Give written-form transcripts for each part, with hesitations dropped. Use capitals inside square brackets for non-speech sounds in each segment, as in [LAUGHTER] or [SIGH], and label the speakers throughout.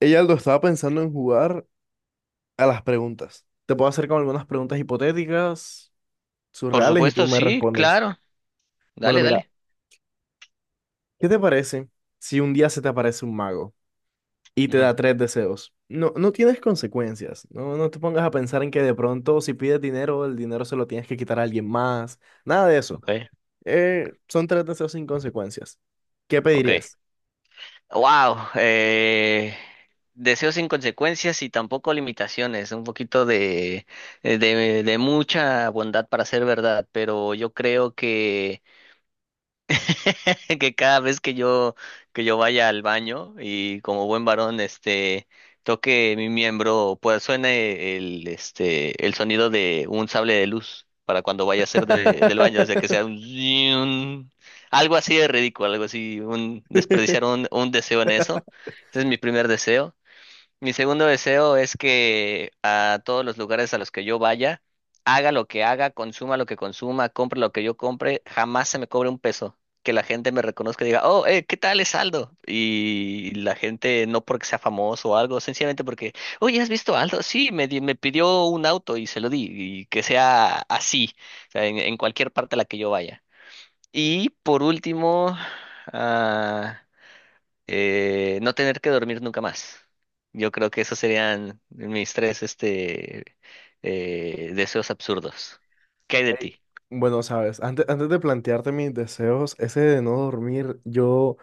Speaker 1: Ella lo estaba pensando en jugar a las preguntas. Te puedo hacer con algunas preguntas hipotéticas,
Speaker 2: Por
Speaker 1: surreales, y tú
Speaker 2: supuesto,
Speaker 1: me
Speaker 2: sí,
Speaker 1: respondes.
Speaker 2: claro.
Speaker 1: Bueno,
Speaker 2: Dale,
Speaker 1: mira,
Speaker 2: dale.
Speaker 1: ¿qué te parece si un día se te aparece un mago y te
Speaker 2: Ujú.
Speaker 1: da tres deseos? No, no tienes consecuencias. No, no te pongas a pensar en que de pronto si pides dinero, el dinero se lo tienes que quitar a alguien más. Nada de eso.
Speaker 2: Ok,
Speaker 1: Son tres deseos sin consecuencias. ¿Qué
Speaker 2: ok.
Speaker 1: pedirías?
Speaker 2: Wow. Deseos sin consecuencias y tampoco limitaciones. Un poquito de, de mucha bondad para ser verdad, pero yo creo que [LAUGHS] que cada vez que yo vaya al baño y como buen varón este toque mi miembro, pues suene el este el sonido de un sable de luz para cuando vaya a ser del baño, o sea que sea un, zing, algo así de ridículo, algo así un
Speaker 1: [LAUGHS]
Speaker 2: desperdiciar un deseo en eso. Ese es mi primer deseo. Mi segundo deseo es que a todos los lugares a los que yo vaya, haga lo que haga, consuma lo que consuma, compre lo que yo compre, jamás se me cobre un peso. Que la gente me reconozca y diga, oh, ¿qué tal es Aldo? Y la gente no porque sea famoso o algo, sencillamente porque, oye, ¿has visto a Aldo? Sí, me pidió un auto y se lo di. Y que sea así, o sea, en cualquier parte a la que yo vaya. Y por último, ah, no tener que dormir nunca más. Yo creo que esos serían mis tres deseos absurdos. ¿Qué hay de
Speaker 1: Ey,
Speaker 2: ti?
Speaker 1: bueno, sabes, antes de plantearte mis deseos, ese de no dormir, yo,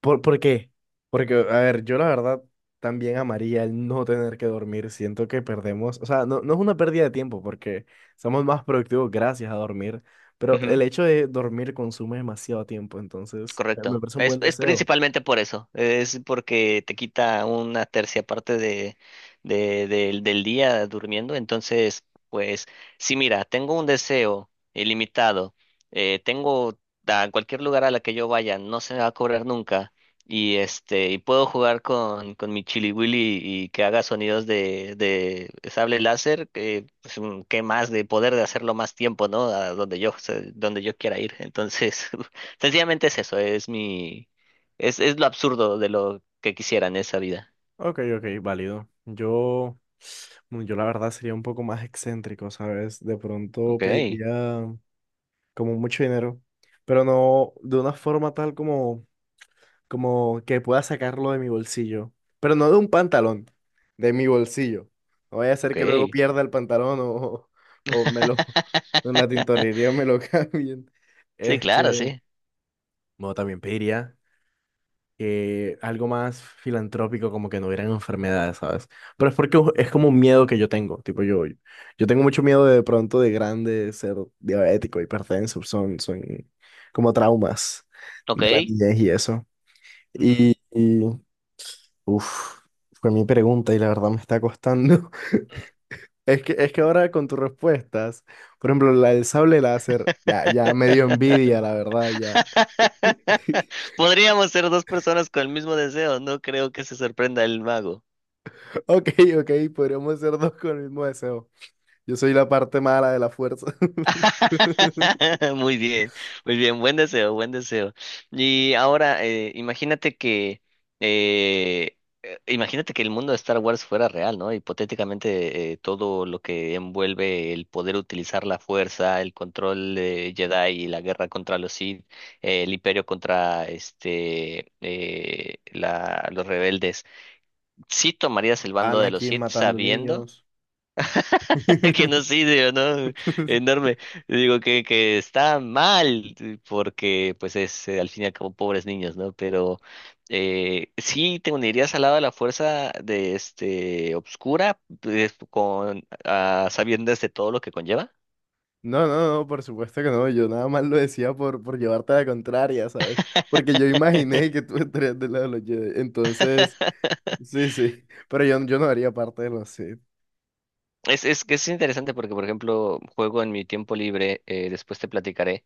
Speaker 1: ¿por qué? Porque, a ver, yo la verdad también amaría el no tener que dormir. Siento que perdemos, o sea, no, no es una pérdida de tiempo porque somos más productivos gracias a dormir, pero el hecho de dormir consume demasiado tiempo, entonces me
Speaker 2: Correcto.
Speaker 1: parece un buen
Speaker 2: Es
Speaker 1: deseo.
Speaker 2: principalmente por eso. Es porque te quita una tercia parte de, del día durmiendo. Entonces, pues, si mira, tengo un deseo ilimitado, tengo a cualquier lugar a la que yo vaya, no se me va a cobrar nunca. Y este, y puedo jugar con mi Chili Willy y que haga sonidos de sable láser, que pues, qué más de poder de hacerlo más tiempo, ¿no? Donde yo quiera ir. Entonces, [LAUGHS] sencillamente es eso, es lo absurdo de lo que quisiera en esa vida.
Speaker 1: Ok, ok, válido. Yo, bueno, yo la verdad sería un poco más excéntrico, ¿sabes? De pronto
Speaker 2: Ok,
Speaker 1: pediría como mucho dinero, pero no de una forma tal como que pueda sacarlo de mi bolsillo, pero no de un pantalón, de mi bolsillo. No vaya a ser
Speaker 2: ok.
Speaker 1: que luego pierda el pantalón o, [LAUGHS] o me lo, [LAUGHS] en la tintorería
Speaker 2: [LAUGHS]
Speaker 1: me lo [LAUGHS] cambien.
Speaker 2: Sí, claro,
Speaker 1: Este,
Speaker 2: sí.
Speaker 1: no, también pediría que algo más filantrópico, como que no hubieran enfermedades, ¿sabes? Pero es porque es como un miedo que yo tengo, tipo yo, yo tengo mucho miedo de pronto de grande ser diabético, hipertenso, son como traumas
Speaker 2: Ok.
Speaker 1: de la niñez y eso.
Speaker 2: Ujú.
Speaker 1: Y uff, fue mi pregunta y la verdad me está costando. [LAUGHS] Es que ahora con tus respuestas, por ejemplo, la del sable láser, ya me dio envidia, la verdad, ya.
Speaker 2: [LAUGHS]
Speaker 1: [LAUGHS]
Speaker 2: Podríamos ser dos personas con el mismo deseo, no creo que se sorprenda el mago.
Speaker 1: Ok, ok, podríamos ser dos con el mismo deseo. Yo soy la parte mala de la fuerza. [LAUGHS]
Speaker 2: [LAUGHS] Muy bien, muy bien, buen deseo, buen deseo. Y ahora, eh, imagínate que el mundo de Star Wars fuera real, ¿no? Hipotéticamente, todo lo que envuelve el poder utilizar la fuerza, el control de Jedi y la guerra contra los Sith, el imperio contra los rebeldes. ¿Sí tomarías el bando de los
Speaker 1: Anakin
Speaker 2: Sith
Speaker 1: matando
Speaker 2: sabiendo?
Speaker 1: niños.
Speaker 2: [LAUGHS]
Speaker 1: [LAUGHS]
Speaker 2: Genocidio, ¿no? Enorme. Digo que está mal, porque pues es al fin y al cabo pobres niños, ¿no? Pero sí te unirías al lado de la fuerza de este obscura, pues, con a sabiendas de todo lo que conlleva.
Speaker 1: No, no, no, por supuesto que no. Yo nada más lo decía por llevarte a la contraria, ¿sabes? Porque yo imaginé que tú estarías del lado de los Jedi. Entonces,
Speaker 2: [LAUGHS]
Speaker 1: sí, sí. Pero yo no haría parte de los Sith.
Speaker 2: Es que es interesante porque, por ejemplo, juego en mi tiempo libre, después te platicaré.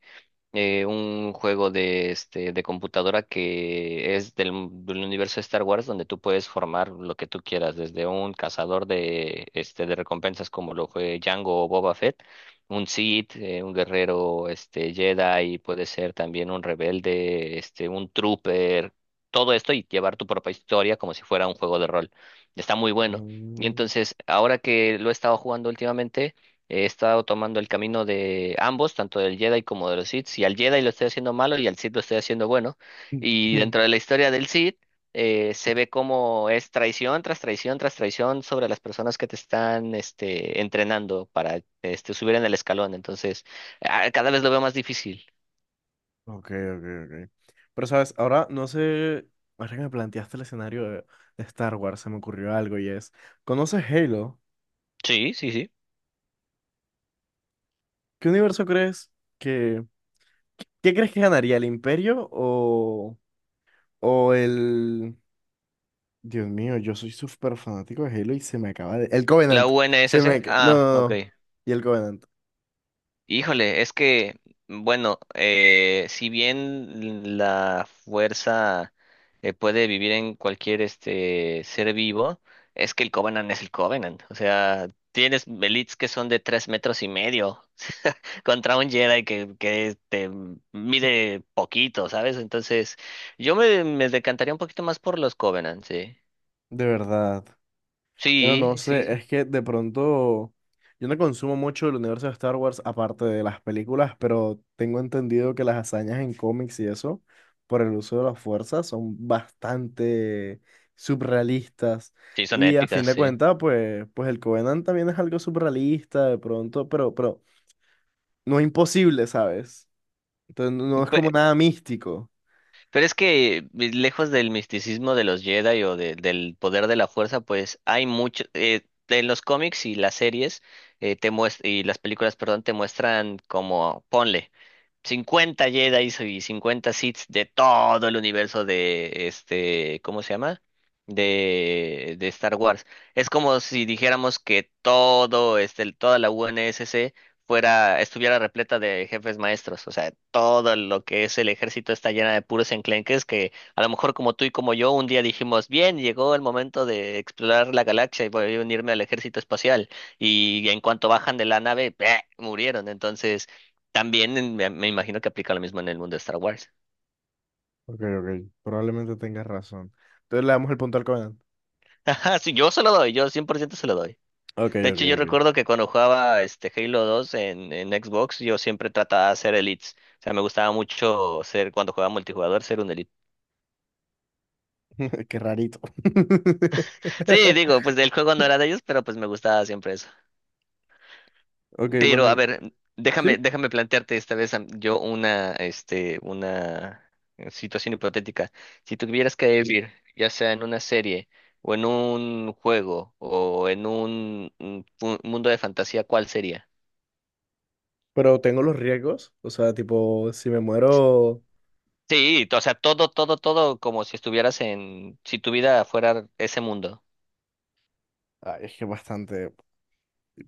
Speaker 2: Un juego de, este, de computadora que es del universo de Star Wars donde tú puedes formar lo que tú quieras, desde un cazador de, este, de recompensas como lo fue Django o Boba Fett, un Sith, un guerrero este, Jedi, puede ser también un rebelde, este, un trooper, todo esto y llevar tu propia historia como si fuera un juego de rol. Está muy bueno. Y
Speaker 1: Mm.
Speaker 2: entonces, ahora que lo he estado jugando últimamente, he estado tomando el camino de ambos, tanto del Jedi como de los Sith. Y al Jedi lo estoy haciendo malo y al Sith lo estoy haciendo bueno. Y dentro de
Speaker 1: [LAUGHS]
Speaker 2: la historia del Sith, se ve cómo es traición tras traición tras traición sobre las personas que te están este, entrenando para este, subir en el escalón. Entonces, cada vez lo veo más difícil.
Speaker 1: Ok, ok, ok. Pero, ¿sabes? Ahora no sé. Ahora que me planteaste el escenario de Star Wars, se me ocurrió algo y es: ¿conoces Halo?
Speaker 2: Sí, sí, sí.
Speaker 1: ¿Qué universo crees que, ¿qué crees que ganaría, el Imperio o el... Dios mío, yo soy súper fanático de Halo y se me acaba de... El
Speaker 2: La
Speaker 1: Covenant. Se
Speaker 2: UNSC.
Speaker 1: me... ca- no,
Speaker 2: Ah,
Speaker 1: no,
Speaker 2: ok.
Speaker 1: no. Y el Covenant.
Speaker 2: Híjole, es que, bueno, si bien la fuerza puede vivir en cualquier este ser vivo, es que el Covenant es el Covenant. O sea, tienes elites que son de tres metros y medio [LAUGHS] contra un Jedi que este, mide poquito, ¿sabes? Entonces, me decantaría un poquito más por los Covenant, sí.
Speaker 1: ¿De verdad? Bueno, no
Speaker 2: Sí,
Speaker 1: sé,
Speaker 2: sí,
Speaker 1: es que de pronto yo no consumo mucho el universo de Star Wars aparte de las películas, pero tengo entendido que las hazañas en cómics y eso, por el uso de las fuerzas, son bastante subrealistas.
Speaker 2: sí, son
Speaker 1: Y a fin
Speaker 2: épicas,
Speaker 1: de
Speaker 2: sí.
Speaker 1: cuentas, pues, pues el Covenant también es algo subrealista de pronto, pero no imposible, ¿sabes? Entonces no es como nada místico.
Speaker 2: Pero es que lejos del misticismo de los Jedi o del poder de la fuerza, pues hay mucho en los cómics y las series y las películas, perdón, te muestran como ponle. 50 Jedi y 50 Sith de todo el universo de este, ¿cómo se llama? De Star Wars. Es como si dijéramos que todo este, toda la UNSC fuera, estuviera repleta de jefes maestros. O sea, todo lo que es el ejército está llena de puros enclenques que a lo mejor como tú y como yo un día dijimos, bien, llegó el momento de explorar la galaxia y voy a unirme al ejército espacial. Y en cuanto bajan de la nave, ¡bleh! Murieron. Entonces también me imagino que aplica lo mismo en el mundo de Star Wars.
Speaker 1: Ok, ok, probablemente tengas razón. Entonces le damos el punto al Covenant.
Speaker 2: [LAUGHS] Ajá, sí, yo se lo doy, yo 100% se lo doy.
Speaker 1: Ok,
Speaker 2: De
Speaker 1: ok,
Speaker 2: hecho, yo
Speaker 1: ok.
Speaker 2: recuerdo que cuando jugaba este Halo 2 en Xbox, yo siempre trataba de hacer elites. O sea, me gustaba mucho ser, cuando jugaba multijugador, ser un elite.
Speaker 1: [LAUGHS] Qué rarito. [LAUGHS]
Speaker 2: Sí, digo, pues el juego no era de ellos, pero pues me gustaba siempre eso.
Speaker 1: Ok, bueno,
Speaker 2: Pero a ver,
Speaker 1: sí,
Speaker 2: déjame plantearte esta vez una situación hipotética. Si tuvieras que Sí. vivir, ya sea en una serie o en un juego o en un mundo de fantasía, ¿cuál sería?
Speaker 1: pero tengo los riesgos, o sea, tipo, si me muero,
Speaker 2: Sí, o sea, todo, todo, todo como si estuvieras en, si tu vida fuera ese mundo.
Speaker 1: ay, es que bastante,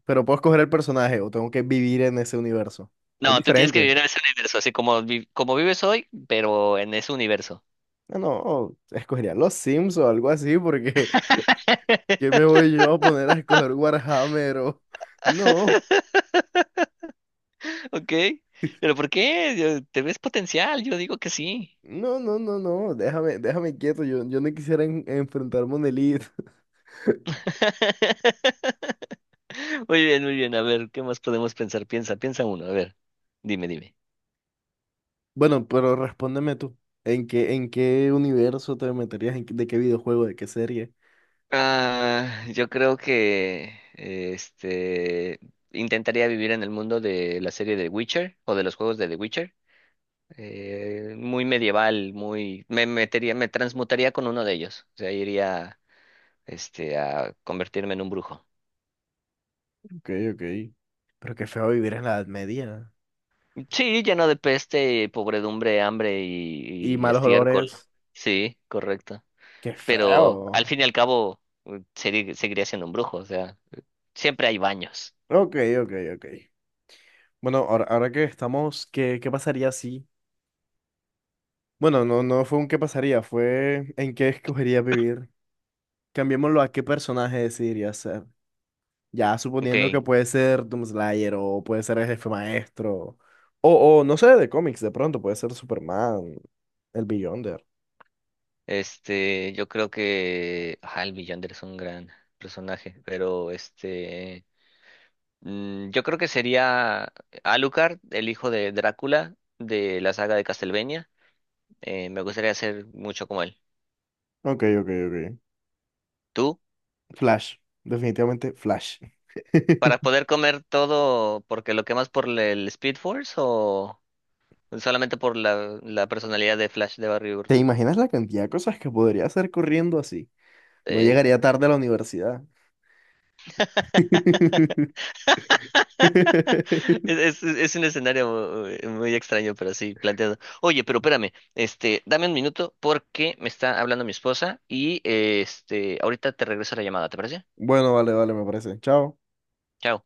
Speaker 1: pero puedo escoger el personaje o tengo que vivir en ese universo. Es
Speaker 2: No, tú tienes que vivir
Speaker 1: diferente.
Speaker 2: en ese universo, así como, como vives hoy, pero en ese universo.
Speaker 1: No, no, escogería los Sims o algo así, porque [LAUGHS] ¿qué me
Speaker 2: [LAUGHS]
Speaker 1: voy yo a poner a escoger Warhammer o... No,
Speaker 2: Ok, pero
Speaker 1: [LAUGHS]
Speaker 2: ¿por qué? ¿Te ves potencial? Yo digo que sí.
Speaker 1: no, no, no, no, déjame quieto, yo no quisiera en- enfrentarme a un elite.
Speaker 2: [LAUGHS] Muy bien, muy bien. A ver, ¿qué más podemos pensar? Piensa, piensa uno. A ver, dime, dime.
Speaker 1: Bueno, pero respóndeme tú. En qué universo te meterías? ¿En qué- ¿de qué videojuego? ¿De qué serie?
Speaker 2: Ah, yo creo que este intentaría vivir en el mundo de la serie de Witcher o de los juegos de The Witcher. Muy medieval, muy me metería, me transmutaría con uno de ellos. O sea, iría este a convertirme en un brujo.
Speaker 1: Ok, ok. Pero qué feo vivir en la Edad Media.
Speaker 2: Sí, lleno de peste, pobredumbre, hambre
Speaker 1: Y
Speaker 2: y
Speaker 1: malos
Speaker 2: estiércol.
Speaker 1: olores.
Speaker 2: Sí, correcto.
Speaker 1: Qué
Speaker 2: Pero al
Speaker 1: feo.
Speaker 2: fin y al cabo seguiría siendo un brujo, o sea, siempre hay baños.
Speaker 1: Ok, ok, ok. Bueno, ahora, ahora que estamos, ¿qué, qué pasaría si? Bueno, no, no fue un qué pasaría, fue en qué escogerías vivir. Cambiémoslo a qué personaje decidirías ser. Ya suponiendo que
Speaker 2: Ok,
Speaker 1: puede ser Doomslayer o puede ser el jefe maestro. O no sé, de cómics, de pronto puede ser Superman, el Beyonder.
Speaker 2: este, yo creo que el Villander es un gran personaje, pero este, yo creo que sería Alucard, el hijo de Drácula de la saga de Castlevania. Me gustaría ser mucho como él.
Speaker 1: Ok, ok, ok.
Speaker 2: ¿Tú?
Speaker 1: Flash. Definitivamente Flash.
Speaker 2: ¿Para
Speaker 1: [LAUGHS]
Speaker 2: poder comer todo porque lo quemas por el Speed Force o solamente por la, la personalidad de Flash de Barry
Speaker 1: ¿Te
Speaker 2: Burton?
Speaker 1: imaginas la cantidad de cosas que podría hacer corriendo así? No
Speaker 2: Eh,
Speaker 1: llegaría tarde a la universidad.
Speaker 2: [LAUGHS]
Speaker 1: [LAUGHS]
Speaker 2: es un escenario muy extraño, pero sí planteado. Oye, pero espérame, este, dame un minuto porque me está hablando mi esposa y este, ahorita te regreso la llamada, ¿te parece?
Speaker 1: Bueno, vale, vale, me parece. Chao.
Speaker 2: Chao.